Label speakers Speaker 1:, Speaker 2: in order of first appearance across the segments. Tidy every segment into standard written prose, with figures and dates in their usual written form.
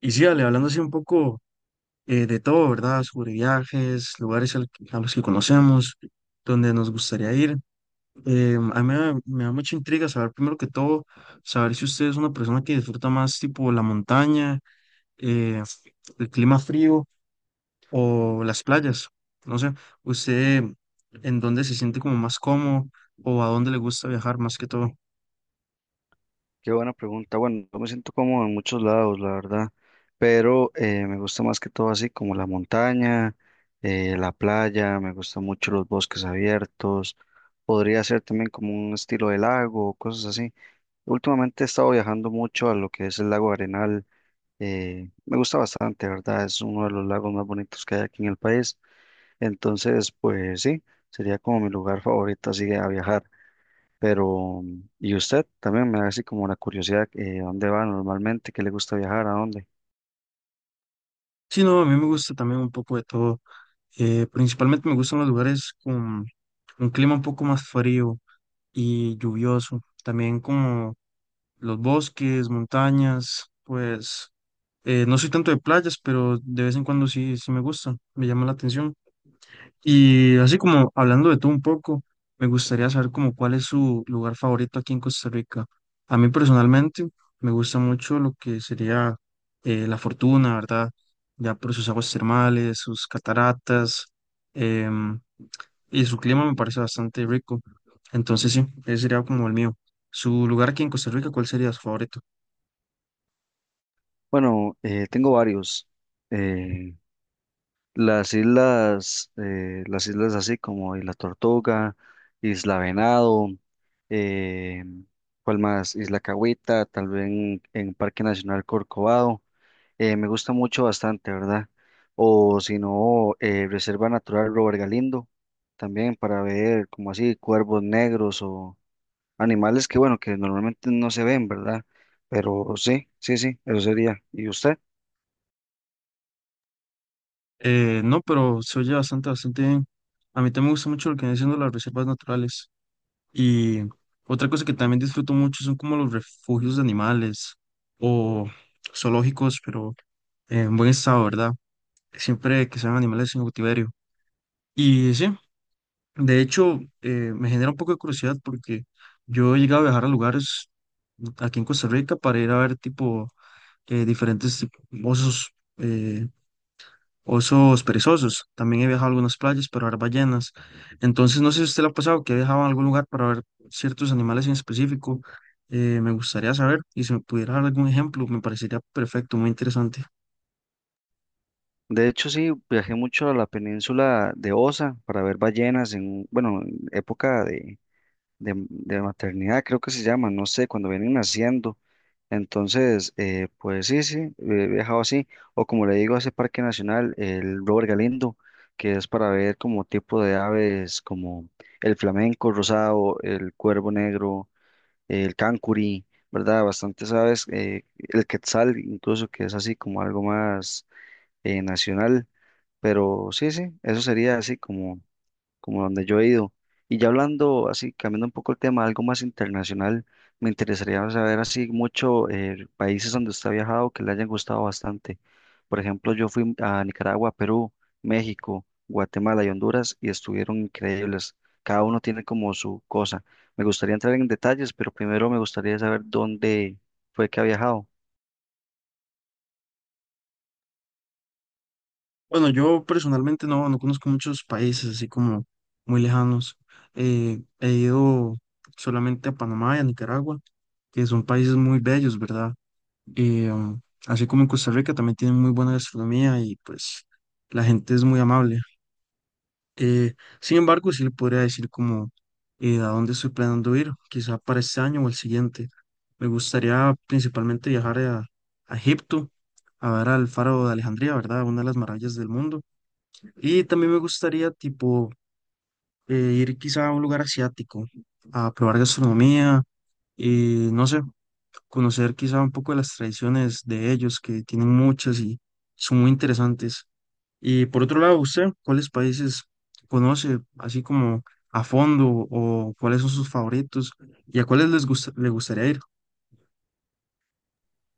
Speaker 1: Y sí, Ale, hablando así un poco de todo, ¿verdad? Sobre viajes, lugares al a los que conocemos, donde nos gustaría ir. A mí me da mucha intriga saber, primero que todo, saber si usted es una persona que disfruta más tipo la montaña, eh, el clima frío o las playas. No sé, usted en dónde se siente como más cómodo o a dónde le gusta viajar más que todo.
Speaker 2: Qué buena pregunta. Bueno, yo me siento cómodo en muchos lados, la verdad, pero me gusta más que todo así como la montaña, la playa, me gustan mucho los bosques abiertos, podría ser también como un estilo de lago, cosas así. Últimamente he estado viajando mucho a lo que es el lago Arenal, me gusta bastante, ¿verdad? Es uno de los lagos más bonitos que hay aquí en el país, entonces pues sí, sería como mi lugar favorito así a viajar. Pero, y usted también me da así como la curiosidad, ¿a dónde va normalmente? ¿Qué le gusta viajar? ¿A dónde?
Speaker 1: Sí, no, a mí me gusta también un poco de todo. Principalmente me gustan los lugares con un clima un poco más frío y lluvioso. También como los bosques, montañas, pues no soy tanto de playas, pero de vez en cuando sí, sí me gusta, me llama la atención. Y así como hablando de todo un poco, me gustaría saber como cuál es su lugar favorito aquí en Costa Rica. A mí personalmente me gusta mucho lo que sería La Fortuna, ¿verdad? Ya por sus aguas termales, sus cataratas, em, y su clima me parece bastante rico. Entonces sí, ese sería como el mío. ¿Su lugar aquí en Costa Rica, cuál sería su favorito?
Speaker 2: Bueno, tengo varios. eh, las islas, las islas así como Isla Tortuga, Isla Venado, eh, ¿cuál más? Isla Cahuita, tal vez en Parque Nacional Corcovado. Me gusta mucho bastante, ¿verdad? O si no, Reserva Natural Robert Galindo, también para ver como así cuervos negros o animales que, bueno, que normalmente no se ven, ¿verdad? Pero sí, eso sería. ¿Y usted?
Speaker 1: No, pero se oye bastante, bastante bien. A mí también me gusta mucho lo que vienen siendo las reservas naturales. Y otra cosa que también disfruto mucho son como los refugios de animales o zoológicos, pero en buen estado, ¿verdad? Siempre que sean animales en cautiverio. Y sí, de hecho, me genera un poco de curiosidad porque yo he llegado a viajar a lugares aquí en Costa Rica para ir a ver tipo eh, diferentes tip- osos. eh, Osos perezosos. También he viajado a algunas playas para ver ballenas. Entonces, no sé si a usted le ha pasado que ha viajado a algún lugar para ver ciertos animales en específico. Me gustaría saber y si me pudiera dar algún ejemplo, me parecería perfecto, muy interesante.
Speaker 2: De hecho, sí, viajé mucho a la península de Osa para ver ballenas en, bueno, en época de maternidad, creo que se llama, no sé, cuando vienen naciendo. Entonces, pues sí, he viajado así. O como le digo, a ese parque nacional, el Robert Galindo, que es para ver como tipo de aves como el flamenco rosado, el cuervo negro, el cancuri, ¿verdad? Bastantes aves, el quetzal incluso, que es así como algo más nacional, pero sí, eso sería así como como donde yo he ido. Y ya hablando, así, cambiando un poco el tema, algo más internacional, me interesaría saber así mucho países donde usted ha viajado que le hayan gustado bastante. Por ejemplo, yo fui a Nicaragua, Perú, México, Guatemala y Honduras y estuvieron increíbles. Cada uno tiene como su cosa. Me gustaría entrar en detalles, pero primero me gustaría saber dónde fue que ha viajado.
Speaker 1: Bueno, yo personalmente no, no conozco muchos países así como muy lejanos. He ido solamente a Panamá y a Nicaragua, que son países muy bellos, ¿verdad? Eh, um, Así como en Costa Rica también tienen muy buena gastronomía y pues la gente es muy amable. Eh, Sin embargo, sí le podría decir como a dónde estoy planeando ir, quizá para este año o el siguiente. Me gustaría principalmente viajar a Egipto, a ver al faro de Alejandría, ¿verdad? Una de las maravillas del mundo. Y también me gustaría, tipo, eh, ir quizá a un lugar asiático, a probar gastronomía, y no sé, conocer quizá un poco de las tradiciones de ellos, que tienen muchas y son muy interesantes. Y por otro lado, ¿usted cuáles países conoce así como a fondo o cuáles son sus favoritos y a cuáles les gusta, le gustaría ir?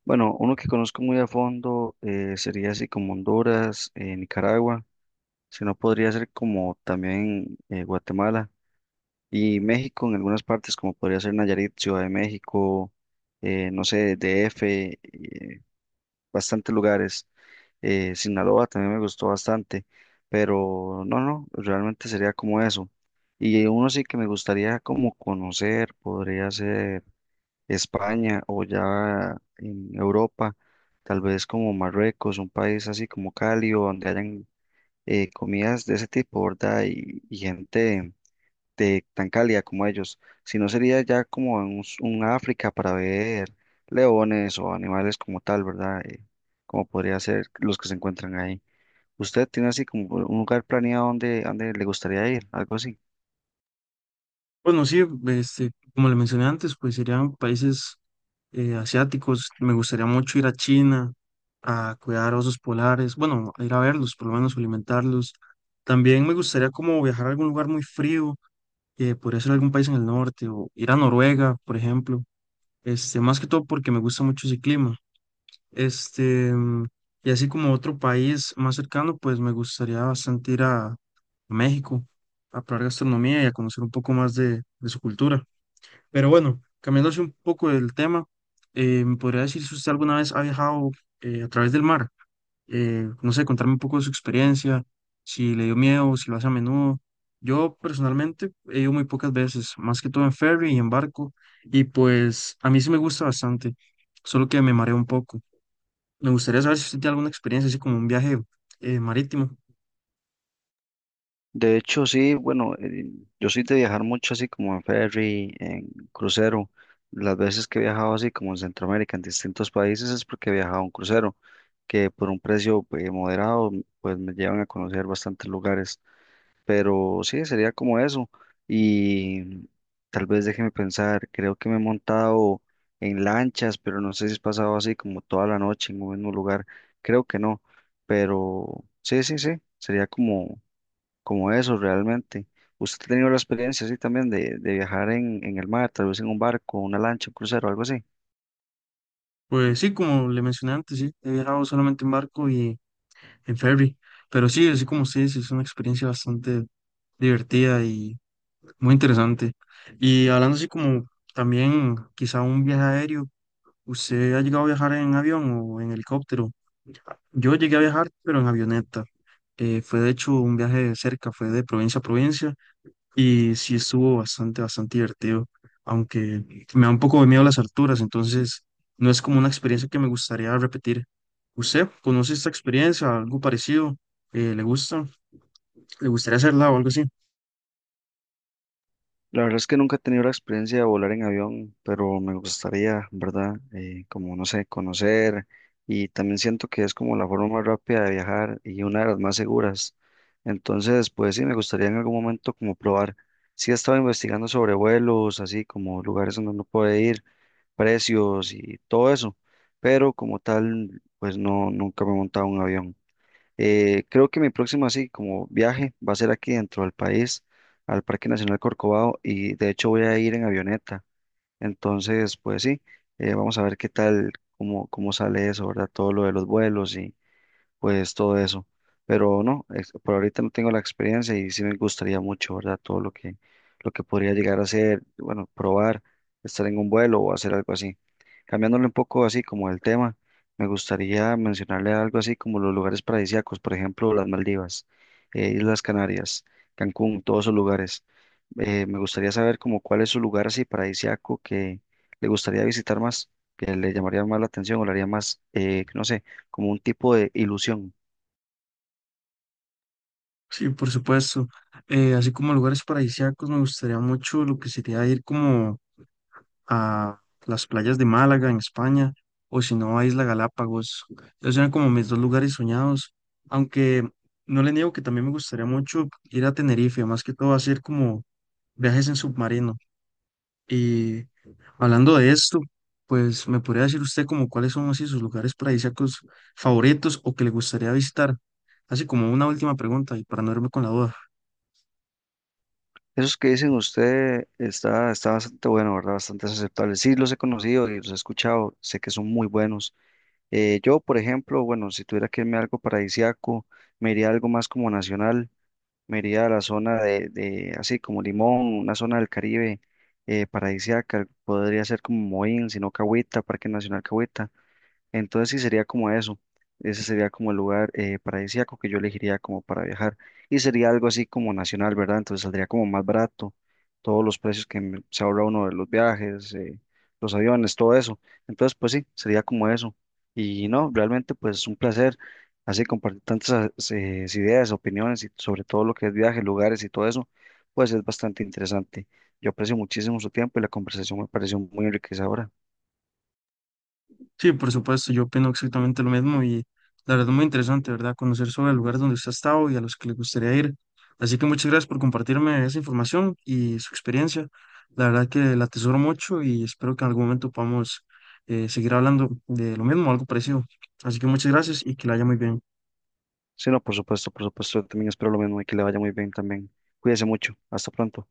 Speaker 2: Bueno, uno que conozco muy a fondo sería así como Honduras, Nicaragua. Si no, podría ser como también Guatemala y México en algunas partes, como podría ser Nayarit, Ciudad de México, no sé, DF, eh, bastantes lugares. Sinaloa también me gustó bastante, pero no, realmente sería como eso. Y uno sí que me gustaría como conocer, podría ser España o ya en Europa, tal vez como Marruecos, un país así como cálido, donde hayan comidas de ese tipo, ¿verdad? Y gente de tan cálida como ellos. Si no sería ya como en un, un África para ver leones o animales como tal, ¿verdad? Como podría ser los que se encuentran ahí. ¿Usted tiene así como un lugar planeado donde le gustaría ir? Algo así.
Speaker 1: Bueno, sí, este, como le mencioné antes, pues serían países asiáticos. Me gustaría mucho ir a China a cuidar osos polares, bueno, a ir a verlos, por lo menos alimentarlos. También me gustaría como viajar a algún lugar muy frío, podría ser algún país en el norte o ir a Noruega, por ejemplo. Este, más que todo porque me gusta mucho ese clima. Este, mm, y así como otro país más cercano, pues me gustaría bastante ir a México a probar gastronomía y a conocer un poco más de su cultura. Pero bueno, cambiándose un poco del tema, ¿me podría decir si usted alguna vez ha viajado a través del mar? No sé, contarme un poco de su experiencia, si le dio miedo, si lo hace a menudo. Yo personalmente he ido muy pocas veces, más que todo en ferry y en barco, y pues a mí sí me gusta bastante, solo que me mareo un poco. Me gustaría saber si usted tiene alguna experiencia así como un viaje marítimo.
Speaker 2: De hecho, sí, bueno, yo soy de viajar mucho así como en ferry, en crucero. Las veces que he viajado así como en Centroamérica, en distintos países, es porque he viajado en crucero. Que por un precio moderado, pues me llevan a conocer bastantes lugares. Pero sí, sería como eso. Y tal vez déjeme pensar, creo que me he montado en lanchas, pero no sé si he pasado así como toda la noche en un mismo lugar. Creo que no. Pero sí, sería como eso realmente. ¿Usted ha tenido la experiencia así también de viajar en el mar, tal vez en un barco, una lancha, un crucero, algo así?
Speaker 1: Pues sí, como le mencioné antes, sí, he viajado solamente en barco y en ferry, pero sí, así como usted dice, es una experiencia bastante divertida y muy interesante. Y hablando así como también quizá un viaje aéreo, ¿usted ha llegado a viajar en avión o en helicóptero? Yo llegué a viajar, pero en avioneta. Fue de hecho un viaje de cerca, fue de provincia a provincia. Y sí estuvo bastante, bastante divertido, aunque me da un poco de miedo las alturas, entonces no es como una experiencia que me gustaría repetir. ¿Usted conoce esta experiencia, algo parecido? ¿Le gusta? ¿Le gustaría hacerla o algo así?
Speaker 2: La verdad es que nunca he tenido la experiencia de volar en avión, pero me gustaría, ¿verdad? Como, no sé, conocer y también siento que es como la forma más rápida de viajar y una de las más seguras. Entonces, pues sí, me gustaría en algún momento como probar. Sí he estado investigando sobre vuelos, así como lugares donde uno puede ir, precios y todo eso, pero como tal, pues no, nunca me he montado en un avión. Creo que mi próximo así como viaje va a ser aquí dentro del país, al Parque Nacional Corcovado, y de hecho voy a ir en avioneta. Entonces, pues sí, vamos a ver qué tal, cómo sale eso, ¿verdad? Todo lo de los vuelos pues todo eso. Pero no, por ahorita no tengo la experiencia y sí me gustaría mucho, ¿verdad? Todo lo lo que podría llegar a hacer, bueno, probar, estar en un vuelo o hacer algo así. Cambiándole un poco así como el tema, me gustaría mencionarle algo así como los lugares paradisíacos, por ejemplo, las Maldivas, Islas Canarias, Cancún, todos esos lugares. Me gustaría saber como cuál es su lugar así paradisíaco que le gustaría visitar más, que le llamaría más la atención o le haría más, no sé, como un tipo de ilusión.
Speaker 1: Sí, por supuesto. Así como lugares paradisíacos, me gustaría mucho lo que sería ir como a las playas de Málaga en España o si no a Isla Galápagos. Esos eran como mis dos lugares soñados, aunque no le niego que también me gustaría mucho ir a Tenerife, más que todo hacer como viajes en submarino. Y hablando de esto, pues me podría decir usted como cuáles son así sus lugares paradisíacos favoritos o que le gustaría visitar. Así como una última pregunta y para no irme con la duda.
Speaker 2: Esos que dicen usted está bastante bueno, ¿verdad? Bastante aceptable. Sí, los he conocido y los he escuchado, sé que son muy buenos. Yo, por ejemplo, bueno, si tuviera que irme a algo paradisíaco, me iría a algo más como nacional, me iría a la zona de así como Limón, una zona del Caribe paradisíaca, podría ser como Moín, sino Cahuita, Parque Nacional Cahuita. Entonces sí sería como eso. Ese sería como el lugar paradisíaco que yo elegiría como para viajar. Y sería algo así como nacional, ¿verdad? Entonces saldría como más barato. Todos los precios que se ahorra uno de los viajes, los aviones, todo eso. Entonces, pues sí, sería como eso. Y no, realmente pues es un placer así compartir tantas ideas, opiniones y sobre todo lo que es viajes, lugares y todo eso, pues es bastante interesante. Yo aprecio muchísimo su tiempo y la conversación me pareció muy enriquecedora.
Speaker 1: Sí, por supuesto, yo opino exactamente lo mismo y la verdad es muy interesante, ¿verdad? Conocer sobre el lugar donde usted ha estado y a los que le gustaría ir. Así que muchas gracias por compartirme esa información y su experiencia. La verdad que la atesoro mucho y espero que en algún momento podamos seguir hablando de lo mismo, algo parecido. Así que muchas gracias y que la haya muy bien.
Speaker 2: Sí, no, por supuesto, yo también espero lo mismo y que le vaya muy bien también. Cuídese mucho, hasta pronto.